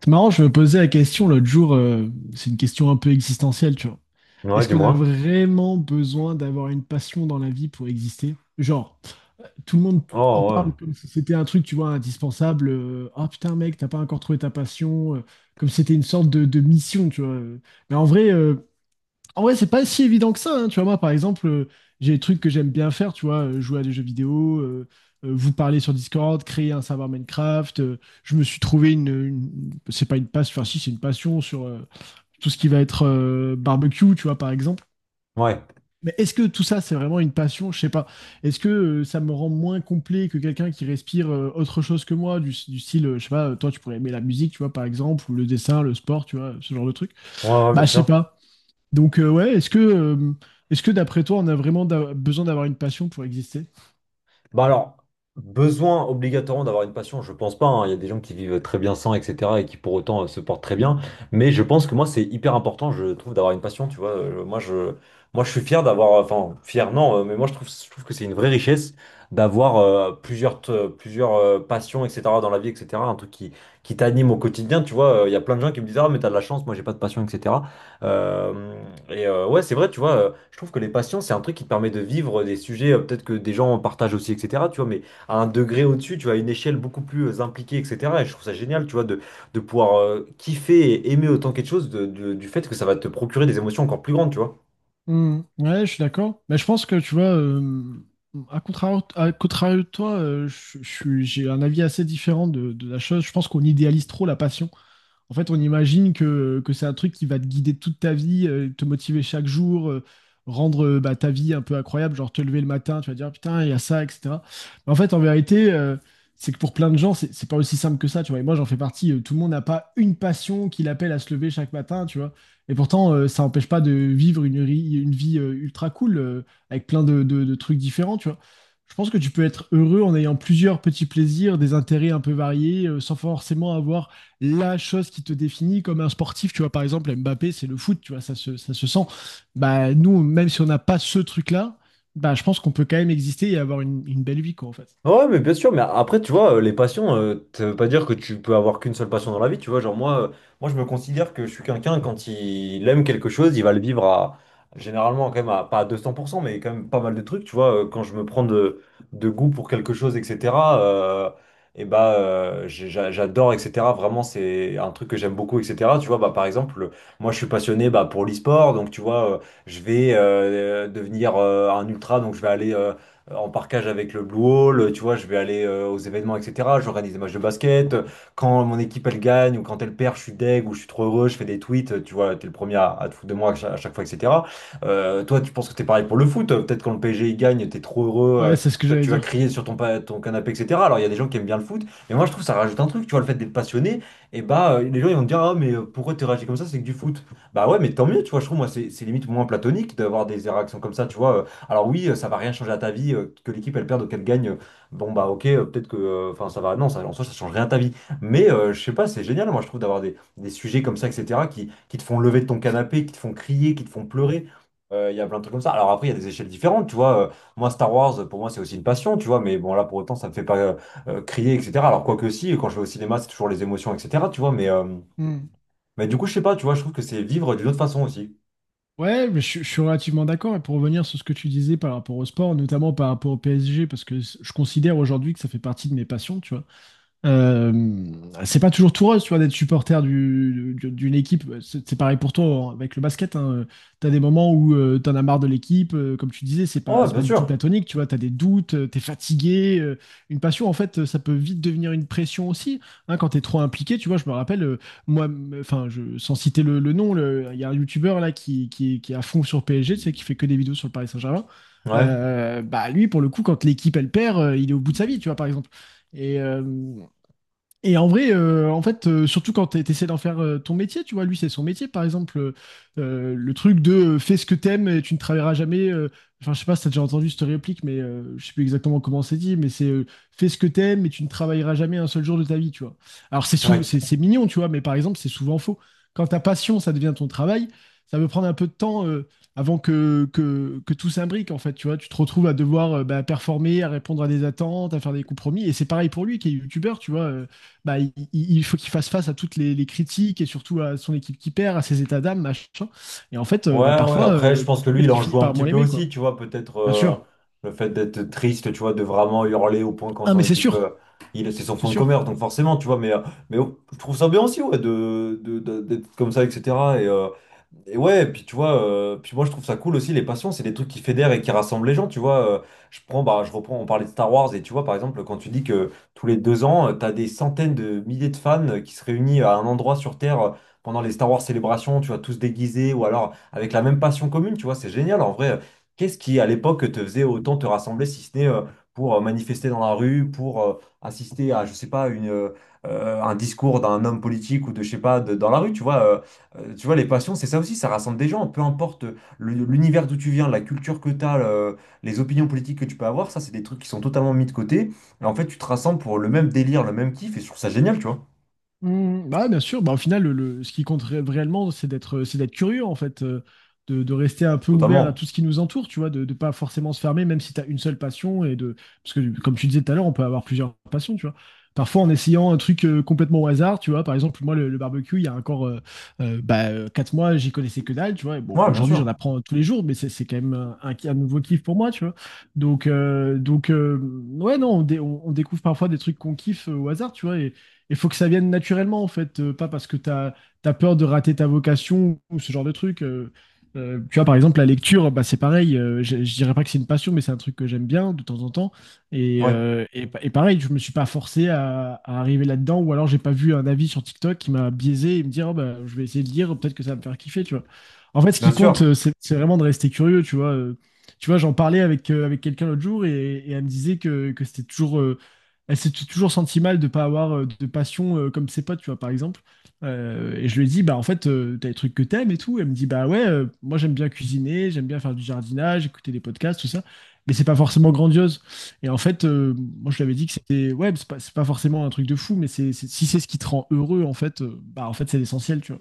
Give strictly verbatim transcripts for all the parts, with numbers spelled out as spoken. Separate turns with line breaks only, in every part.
C'est marrant, je me posais la question l'autre jour, euh, c'est une question un peu existentielle, tu vois.
Ouais,
Est-ce qu'on a
dis-moi.
vraiment besoin d'avoir une passion dans la vie pour exister? Genre, tout le monde en
Oh, ouais.
parle comme si c'était un truc, tu vois, indispensable. euh, Ah putain, mec, t'as pas encore trouvé ta passion. euh, comme si c'était une sorte de, de mission, tu vois. Mais en vrai, euh, en vrai, c'est pas si évident que ça. Hein. Tu vois, moi, par exemple, euh, j'ai des trucs que j'aime bien faire, tu vois, euh, jouer à des jeux vidéo, euh, euh, vous parler sur Discord, créer un serveur Minecraft. euh, je me suis trouvé une, une- c'est pas une passion, enfin si, c'est une passion sur euh, tout ce qui va être euh, barbecue, tu vois, par exemple.
Ouais.
Mais est-ce que tout ça, c'est vraiment une passion? Je sais pas. Est-ce que euh, ça me rend moins complet que quelqu'un qui respire euh, autre chose que moi, du, du style, euh, je sais pas, euh, toi, tu pourrais aimer la musique, tu vois, par exemple, ou le dessin, le sport, tu vois, ce genre de truc.
Ouais, ouais,
Bah,
bien
je sais
sûr.
pas. Donc, euh, ouais, est-ce que, euh, est-ce que d'après toi, on a vraiment d'a- besoin d'avoir une passion pour exister?
Bah alors, besoin obligatoirement d'avoir une passion, je pense pas. Hein. Il y a des gens qui vivent très bien sans, et cetera et qui pour autant euh, se portent très bien. Mais je pense que moi, c'est hyper important, je trouve, d'avoir une passion. Tu vois. Euh, moi, je, moi, je suis fier d'avoir, enfin, fier, non, euh, mais moi, je trouve, je trouve que c'est une vraie richesse d'avoir euh, plusieurs, t- plusieurs euh, passions, et cetera dans la vie, et cetera. Un truc qui, qui t'anime au quotidien. Tu vois. Euh, il y a plein de gens qui me disent, ah, mais t'as de la chance, moi, j'ai pas de passion, et cetera. Euh, et euh, ouais, c'est vrai, tu vois, euh, je trouve que les passions, c'est un truc qui te permet de vivre des sujets, euh, peut-être que des gens partagent aussi, et cetera. Tu vois, mais à un degré au-dessus, tu vois, à une échelle beaucoup plus euh, impliquée, et cetera. Et je trouve ça génial, tu vois, de, de pouvoir euh, kiffer et aimer autant quelque chose de- de- du fait que ça va te procurer des émotions encore plus grandes, tu vois.
Hmm, ouais, je suis d'accord. Mais je pense que, tu vois, euh, à contrario, à contrario de toi, euh, je- je suis- j'ai un avis assez différent de, de la chose. Je pense qu'on idéalise trop la passion. En fait, on imagine que, que c'est un truc qui va te guider toute ta vie, euh, te motiver chaque jour, euh, rendre euh, bah, ta vie un peu incroyable, genre te lever le matin, tu vas dire putain, il y a ça, et cetera. Mais en fait, en vérité, euh, c'est que pour plein de gens, c'est c'est pas aussi simple que ça, tu vois. Et moi, j'en fais partie. euh, tout le monde n'a pas une passion qui l'appelle à se lever chaque matin, tu vois. Et pourtant, euh, ça n'empêche pas de vivre une, ri- une vie euh, ultra cool, euh, avec plein de, de de trucs différents, tu vois. Je pense que tu peux être heureux en ayant plusieurs petits plaisirs, des intérêts un peu variés, euh, sans forcément avoir la chose qui te définit comme un sportif. Tu vois, par exemple, Mbappé, c'est le foot, tu vois, ça se, ça se sent. Bah, nous, même si on n'a pas ce truc-là, bah, je pense qu'on peut quand même exister et avoir une, une belle vie, quoi, en fait.
Ouais, mais bien sûr, mais après, tu vois, euh, les passions, euh, ça veut pas dire que tu peux avoir qu'une seule passion dans la vie, tu vois. Genre, moi, euh, moi je me considère que je suis quelqu'un, quand il aime quelque chose, il va le vivre à, généralement, quand même, à, pas à deux cents pour cent, mais quand même pas mal de trucs, tu vois. euh, Quand je me prends de, de goût pour quelque chose, et cetera, euh, et bah, euh, j'ai- j'a- j'adore, et cetera. Vraiment, c'est un truc que j'aime beaucoup, et cetera. Tu vois, bah, par exemple, moi, je suis passionné bah, pour l'e-sport, donc, tu vois, euh, je vais euh, devenir euh, un ultra, donc je vais aller. Euh, euh, en parcage avec le Blue Hall, tu vois, je vais aller euh, aux événements, et cetera. J'organise des matchs de basket. Quand mon équipe elle gagne ou quand elle perd, je suis deg ou je suis trop heureux, je fais des tweets, euh, tu vois, t'es le premier à, à te foutre de moi à cha- à chaque fois, et cetera. Euh, toi, tu penses que t'es pareil pour le foot? Peut-être quand le P S G il gagne, t'es trop heureux, euh,
Ouais, c'est ce que
tu vois,
j'allais
tu vas
dire.
crier sur ton, pa- ton canapé, et cetera. Alors il y a des gens qui aiment bien le foot, mais moi je trouve que ça rajoute un truc, tu vois, le fait d'être passionné, et bah euh, les gens ils vont te dire, ah mais euh, pourquoi t'es réagi comme ça, c'est que du foot. Bah ouais, mais tant mieux, tu vois, je trouve moi c'est c'est limite moins platonique d'avoir des réactions comme ça, tu vois. euh, alors oui, euh, ça va rien changer à ta vie, euh, que l'équipe elle perde ou qu'elle gagne. euh, Bon bah ok, euh, peut-être que, euh, enfin ça va, non, ça, en soi ça change rien à ta vie. Mais euh, je sais pas, c'est génial, moi je trouve d'avoir des, des sujets comme ça, et cetera qui, qui te font lever de ton canapé, qui te font crier, qui te font pleurer. Euh, Il y a plein de trucs comme ça. Alors après, il y a des échelles différentes, tu vois. euh, moi, Star Wars, pour moi, c'est aussi une passion, tu vois. Mais bon, là, pour autant, ça me fait pas euh, euh, crier, et cetera. Alors quoique si, quand je vais au cinéma, c'est toujours les émotions, et cetera. Tu vois. Mais, euh,
Mm.
mais du coup, je sais pas, tu vois, je trouve que c'est vivre d'une autre façon aussi.
Ouais, mais je, je suis relativement d'accord. Et pour revenir sur ce que tu disais par rapport au sport, notamment par rapport au P S G, parce que je considère aujourd'hui que ça fait partie de mes passions, tu vois. Euh, c'est pas toujours tout rose, tu vois, d'être supporter du- du- d'une équipe. C'est c'est pareil pour toi hein, avec le basket. Hein. T'as des moments où euh, t'en as marre de l'équipe. euh, comme tu disais, c'est pas,
Ouais,
c'est pas
bien
du tout
sûr.
platonique. Tu vois, t'as des doutes, euh, t'es fatigué. euh, une passion, en fait, euh, ça peut vite devenir une pression aussi. Hein, quand t'es trop impliqué, tu vois, je me rappelle, euh, moi, m- enfin, je, sans citer le, le nom, le- il y a un youtubeur là qui, qui, qui est à fond sur P S G, tu sais, qui fait que des vidéos sur le Paris Saint-Germain.
Ouais,
Euh, bah lui, pour le coup, quand l'équipe elle perd, euh, il est au bout de sa vie, tu vois, par exemple. Et, euh, et en vrai, euh, en fait, euh, surtout quand tu essaies d'en faire euh, ton métier, tu vois, lui, c'est son métier. Par exemple, euh, euh, le truc de euh, fais ce que t'aimes et tu ne travailleras jamais. euh, enfin, je sais pas si t'as déjà entendu cette réplique, mais euh, je sais plus exactement comment c'est dit, mais c'est euh, fais ce que t'aimes et tu ne travailleras jamais un seul jour de ta vie, tu vois. Alors, c'est sou-
ouais.
c'est c'est mignon, tu vois, mais par exemple, c'est souvent faux. Quand ta passion, ça devient ton travail, ça peut prendre un peu de temps euh, avant que, que, que tout s'imbrique, en fait, tu vois. Tu te retrouves à devoir euh, bah, performer, à répondre à des attentes, à faire des compromis. Et c'est pareil pour lui qui est youtubeur, tu vois. euh, bah, il, il faut qu'il fasse face à toutes les, les critiques et surtout à son équipe qui perd, à ses états d'âme, machin. Et en fait, euh, bah,
Ouais, ouais,
parfois,
après, je
euh,
pense que lui,
peut-être
il
qu'il
en
finit
joue un
par
petit
moins
peu
l'aimer,
aussi,
quoi.
tu vois, peut-être
Bien
euh,
sûr.
le fait d'être triste, tu vois, de vraiment hurler au point quand
Ah,
son
mais c'est
équipe,
sûr,
euh, il, c'est son
c'est
fond de
sûr.
commerce, donc forcément, tu vois, mais, euh, mais euh, je trouve ça bien aussi, ouais, de, de- de- d'être comme ça, et cetera. Et, euh, et ouais, puis tu vois, euh, puis moi je trouve ça cool aussi, les passions, c'est des trucs qui fédèrent et qui rassemblent les gens, tu vois. Euh, je prends, bah, je reprends, on parlait de Star Wars, et tu vois, par exemple, quand tu dis que tous les deux ans, euh, t'as des centaines de milliers de fans euh, qui se réunissent à un endroit sur Terre euh, pendant les Star Wars célébrations, tu vois, tous déguisés, ou alors avec la même passion commune, tu vois, c'est génial. En vrai, euh, qu'est-ce qui, à l'époque, te faisait autant te rassembler, si ce n'est euh, pour euh, manifester dans la rue, pour euh, assister à, je sais pas, une, euh, euh, un discours d'un homme politique ou de, je sais pas, de- dans la rue, tu vois. Euh, euh, tu vois, les passions, c'est ça aussi, ça rassemble des gens, peu importe le- l'univers d'où tu viens, la culture que tu as, les opinions politiques que tu peux avoir, ça, c'est des trucs qui sont totalement mis de côté. Et en fait, tu te rassembles pour le même délire, le même kiff, et je trouve ça génial, tu vois.
Mm, bah, bien sûr, bah, au final, le, le- ce qui compte ré- réellement, c'est d'être, c'est d'être curieux, en fait, euh, de, de rester un peu ouvert à
Totalement.
tout ce qui nous entoure, tu vois, de ne pas forcément se fermer, même si tu as une seule passion, et de, parce que, comme tu disais tout à l'heure, on peut avoir plusieurs passions, tu vois. Parfois, en essayant un truc euh, complètement au hasard, tu vois, par exemple, moi, le, le barbecue, il y a encore euh, euh, bah, euh, quatre mois, j'y connaissais que dalle, tu vois, et bon,
Ouais, bien
aujourd'hui, j'en
sûr.
apprends tous les jours, mais c'est c'est quand même un, un- un nouveau kiff pour moi, tu vois. Donc, euh, donc euh, ouais, non, on, dé- on- on découvre parfois des trucs qu'on kiffe euh, au hasard, tu vois, et il faut que ça vienne naturellement, en fait, euh, pas parce que tu as, peur de rater ta vocation ou ce genre de truc. euh. Euh, tu vois, par exemple, la lecture, bah, c'est pareil. euh, je, je dirais pas que c'est une passion, mais c'est un truc que j'aime bien de temps en temps. Et,
Ouais,
euh, et, pa- et pareil, je me suis pas forcé à, à arriver là-dedans, ou alors j'ai pas vu un avis sur TikTok qui m'a biaisé et me dire, oh, bah, je vais essayer de lire, peut-être que ça va me faire kiffer, tu vois. En fait, ce
bien
qui compte,
sûr.
euh, c'est c'est vraiment de rester curieux, tu vois. Euh, Tu vois, j'en parlais avec, euh, avec quelqu'un l'autre jour et, et elle me disait que, que c'était toujours euh, elle s'est t- toujours sentie mal de pas avoir euh, de passion euh, comme ses potes, tu vois, par exemple. Euh, et je lui ai dit, bah en fait, euh, t'as des trucs que t'aimes et tout. Elle me dit, bah ouais, euh, moi j'aime bien cuisiner, j'aime bien faire du jardinage, écouter des podcasts, tout ça. Mais c'est pas forcément grandiose. Et en fait, euh, moi je lui avais dit que c'était, ouais, c'est pas, c'est pas forcément un truc de fou, mais c'est, c'est- si c'est ce qui te rend heureux, en fait, euh, bah en fait c'est l'essentiel, tu vois.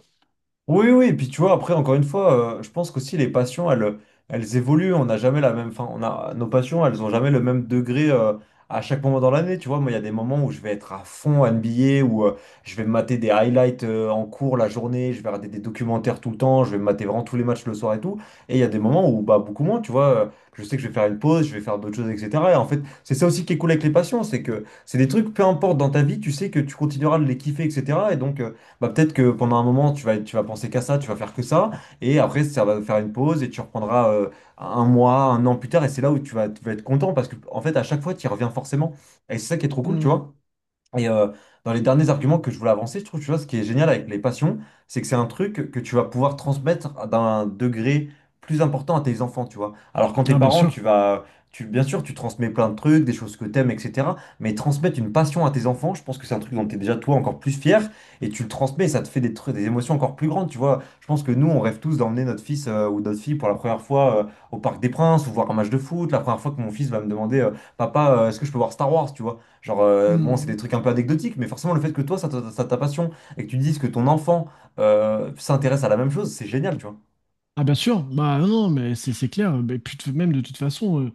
Oui, oui, et puis tu vois, après, encore une fois, euh, je pense qu'aussi les passions, elles, elles évoluent, on n'a jamais la même, enfin, on a, nos passions, elles n'ont jamais le même degré euh, à chaque moment dans l'année, tu vois, moi, il y a des moments où je vais être à fond N B A, où euh, je vais me mater des highlights euh, en cours la journée, je vais regarder des documentaires tout le temps, je vais me mater vraiment tous les matchs le soir et tout, et il y a des moments où, bah, beaucoup moins, tu vois, euh, je sais que je vais faire une pause, je vais faire d'autres choses, et cetera. Et en fait, c'est ça aussi qui est cool avec les passions, c'est que c'est des trucs, peu importe dans ta vie, tu sais que tu continueras de les kiffer, et cetera. Et donc... euh, bah peut-être que pendant un moment, tu vas, tu vas penser qu'à ça, tu vas faire que ça, et après, ça va faire une pause, et tu reprendras euh, un mois, un an plus tard, et c'est là où tu vas, tu vas être content, parce que, en fait, à chaque fois, tu y reviens forcément. Et c'est ça qui est trop cool, tu
Mm.
vois. Et euh, dans les derniers arguments que je voulais avancer, je trouve, tu vois, ce qui est génial avec les passions, c'est que c'est un truc que tu vas pouvoir transmettre à- d'un degré plus important à tes enfants, tu vois. Alors quand tes
Ah, bien
parents,
sûr.
tu vas, tu, bien sûr, tu transmets plein de trucs, des choses que t'aimes, et cetera. Mais transmettre une passion à tes enfants, je pense que c'est un truc dont t'es déjà toi encore plus fier et tu le transmets, et ça te fait des trucs, des émotions encore plus grandes, tu vois. Je pense que nous, on rêve tous d'emmener notre fils euh, ou notre fille pour la première fois euh, au Parc des Princes ou voir un match de foot, la première fois que mon fils va me demander, euh, Papa, euh, est-ce que je peux voir Star Wars, tu vois. Genre, euh, bon, c'est des
Mm.
trucs un peu anecdotiques, mais forcément, le fait que toi, ça, t'a ça t'a passion, et que tu dises que ton enfant euh, s'intéresse à la même chose, c'est génial, tu vois.
Ah bien sûr, bah non, non, mais c'est c'est clair. Mais puis de- même de toute façon, euh,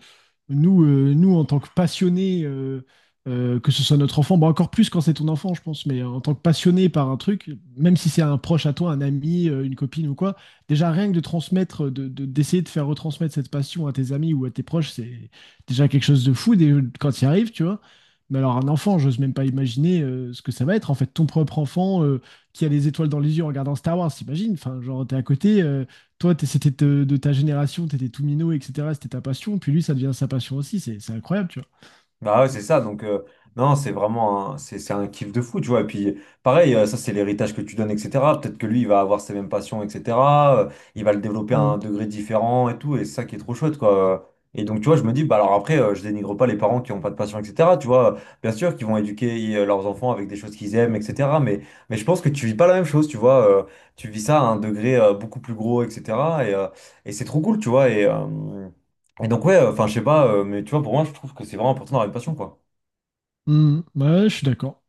nous, euh, nous en tant que passionnés, euh, euh, que ce soit notre enfant, bah encore plus quand c'est ton enfant, je pense, mais en tant que passionné par un truc, même si c'est un proche à toi, un ami, euh, une copine ou quoi, déjà rien que de transmettre, de, de- d'essayer de faire retransmettre cette passion à tes amis ou à tes proches, c'est déjà quelque chose de fou dès- quand tu y arrives, tu vois. Mais alors un enfant, j'ose même pas imaginer euh, ce que ça va être. En fait, ton propre enfant euh, qui a les étoiles dans les yeux en regardant Star Wars, t'imagines? Enfin, genre t'es à côté. euh, toi, t'es- c'était de, de ta génération, t'étais tout minot, et cetera. C'était ta passion. Puis lui, ça devient sa passion aussi. C'est c'est incroyable, tu vois.
Bah ouais, c'est ça. Donc, euh, non, c'est vraiment un, c'est, c'est un kiff de fou, tu vois. Et puis, pareil, euh, ça, c'est l'héritage que tu donnes, et cetera. Peut-être que lui, il va avoir ses mêmes passions, et cetera euh, il va le développer à un
Mm.
degré différent et tout. Et c'est ça qui est trop chouette, quoi. Et donc, tu vois, je me dis, bah alors après, euh, je dénigre pas les parents qui ont pas de passion, et cetera. Tu vois, bien sûr qu'ils vont éduquer euh, leurs enfants avec des choses qu'ils aiment, et cetera. Mais, mais je pense que tu vis pas la même chose, tu vois. Euh, tu vis ça à un degré euh, beaucoup plus gros, et cetera. Et, euh, et c'est trop cool, tu vois. Et, euh, et donc, ouais, enfin, je sais pas, euh, mais tu vois, pour moi, je trouve que c'est vraiment important d'avoir une passion, quoi.
Mm. Ouais, je suis d'accord.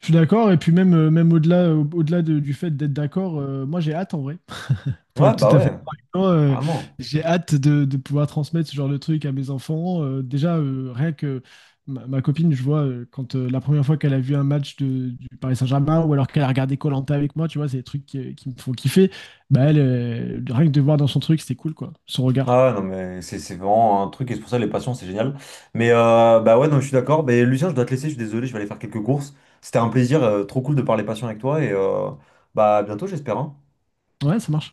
Je suis d'accord. Et puis même, euh, même au-delà, au- au-delà de- du fait d'être d'accord, euh, moi j'ai hâte en vrai. Pour
Ouais,
être tout
bah
à fait
ouais,
franc, avec toi, euh,
vraiment.
j'ai hâte de, de pouvoir transmettre ce genre de truc à mes enfants. Euh, déjà, euh, rien que ma, ma copine, je vois, euh, quand euh, la première fois qu'elle a vu un match de, du Paris Saint-Germain ou alors qu'elle a regardé koh avec moi, tu vois, c'est des trucs qui, euh, qui me font kiffer. Bah, elle, euh, rien que de voir dans son truc, c'était cool, quoi, son regard.
Ah ouais, non, mais c'est c'est vraiment un truc, et c'est pour ça les passions, c'est génial. Mais euh, bah ouais, non, je suis d'accord. Mais Lucien, je dois te laisser, je suis désolé, je vais aller faire quelques courses. C'était un plaisir, euh, trop cool de parler passion avec toi, et euh, bah à bientôt, j'espère. Hein.
Ouais, ça marche.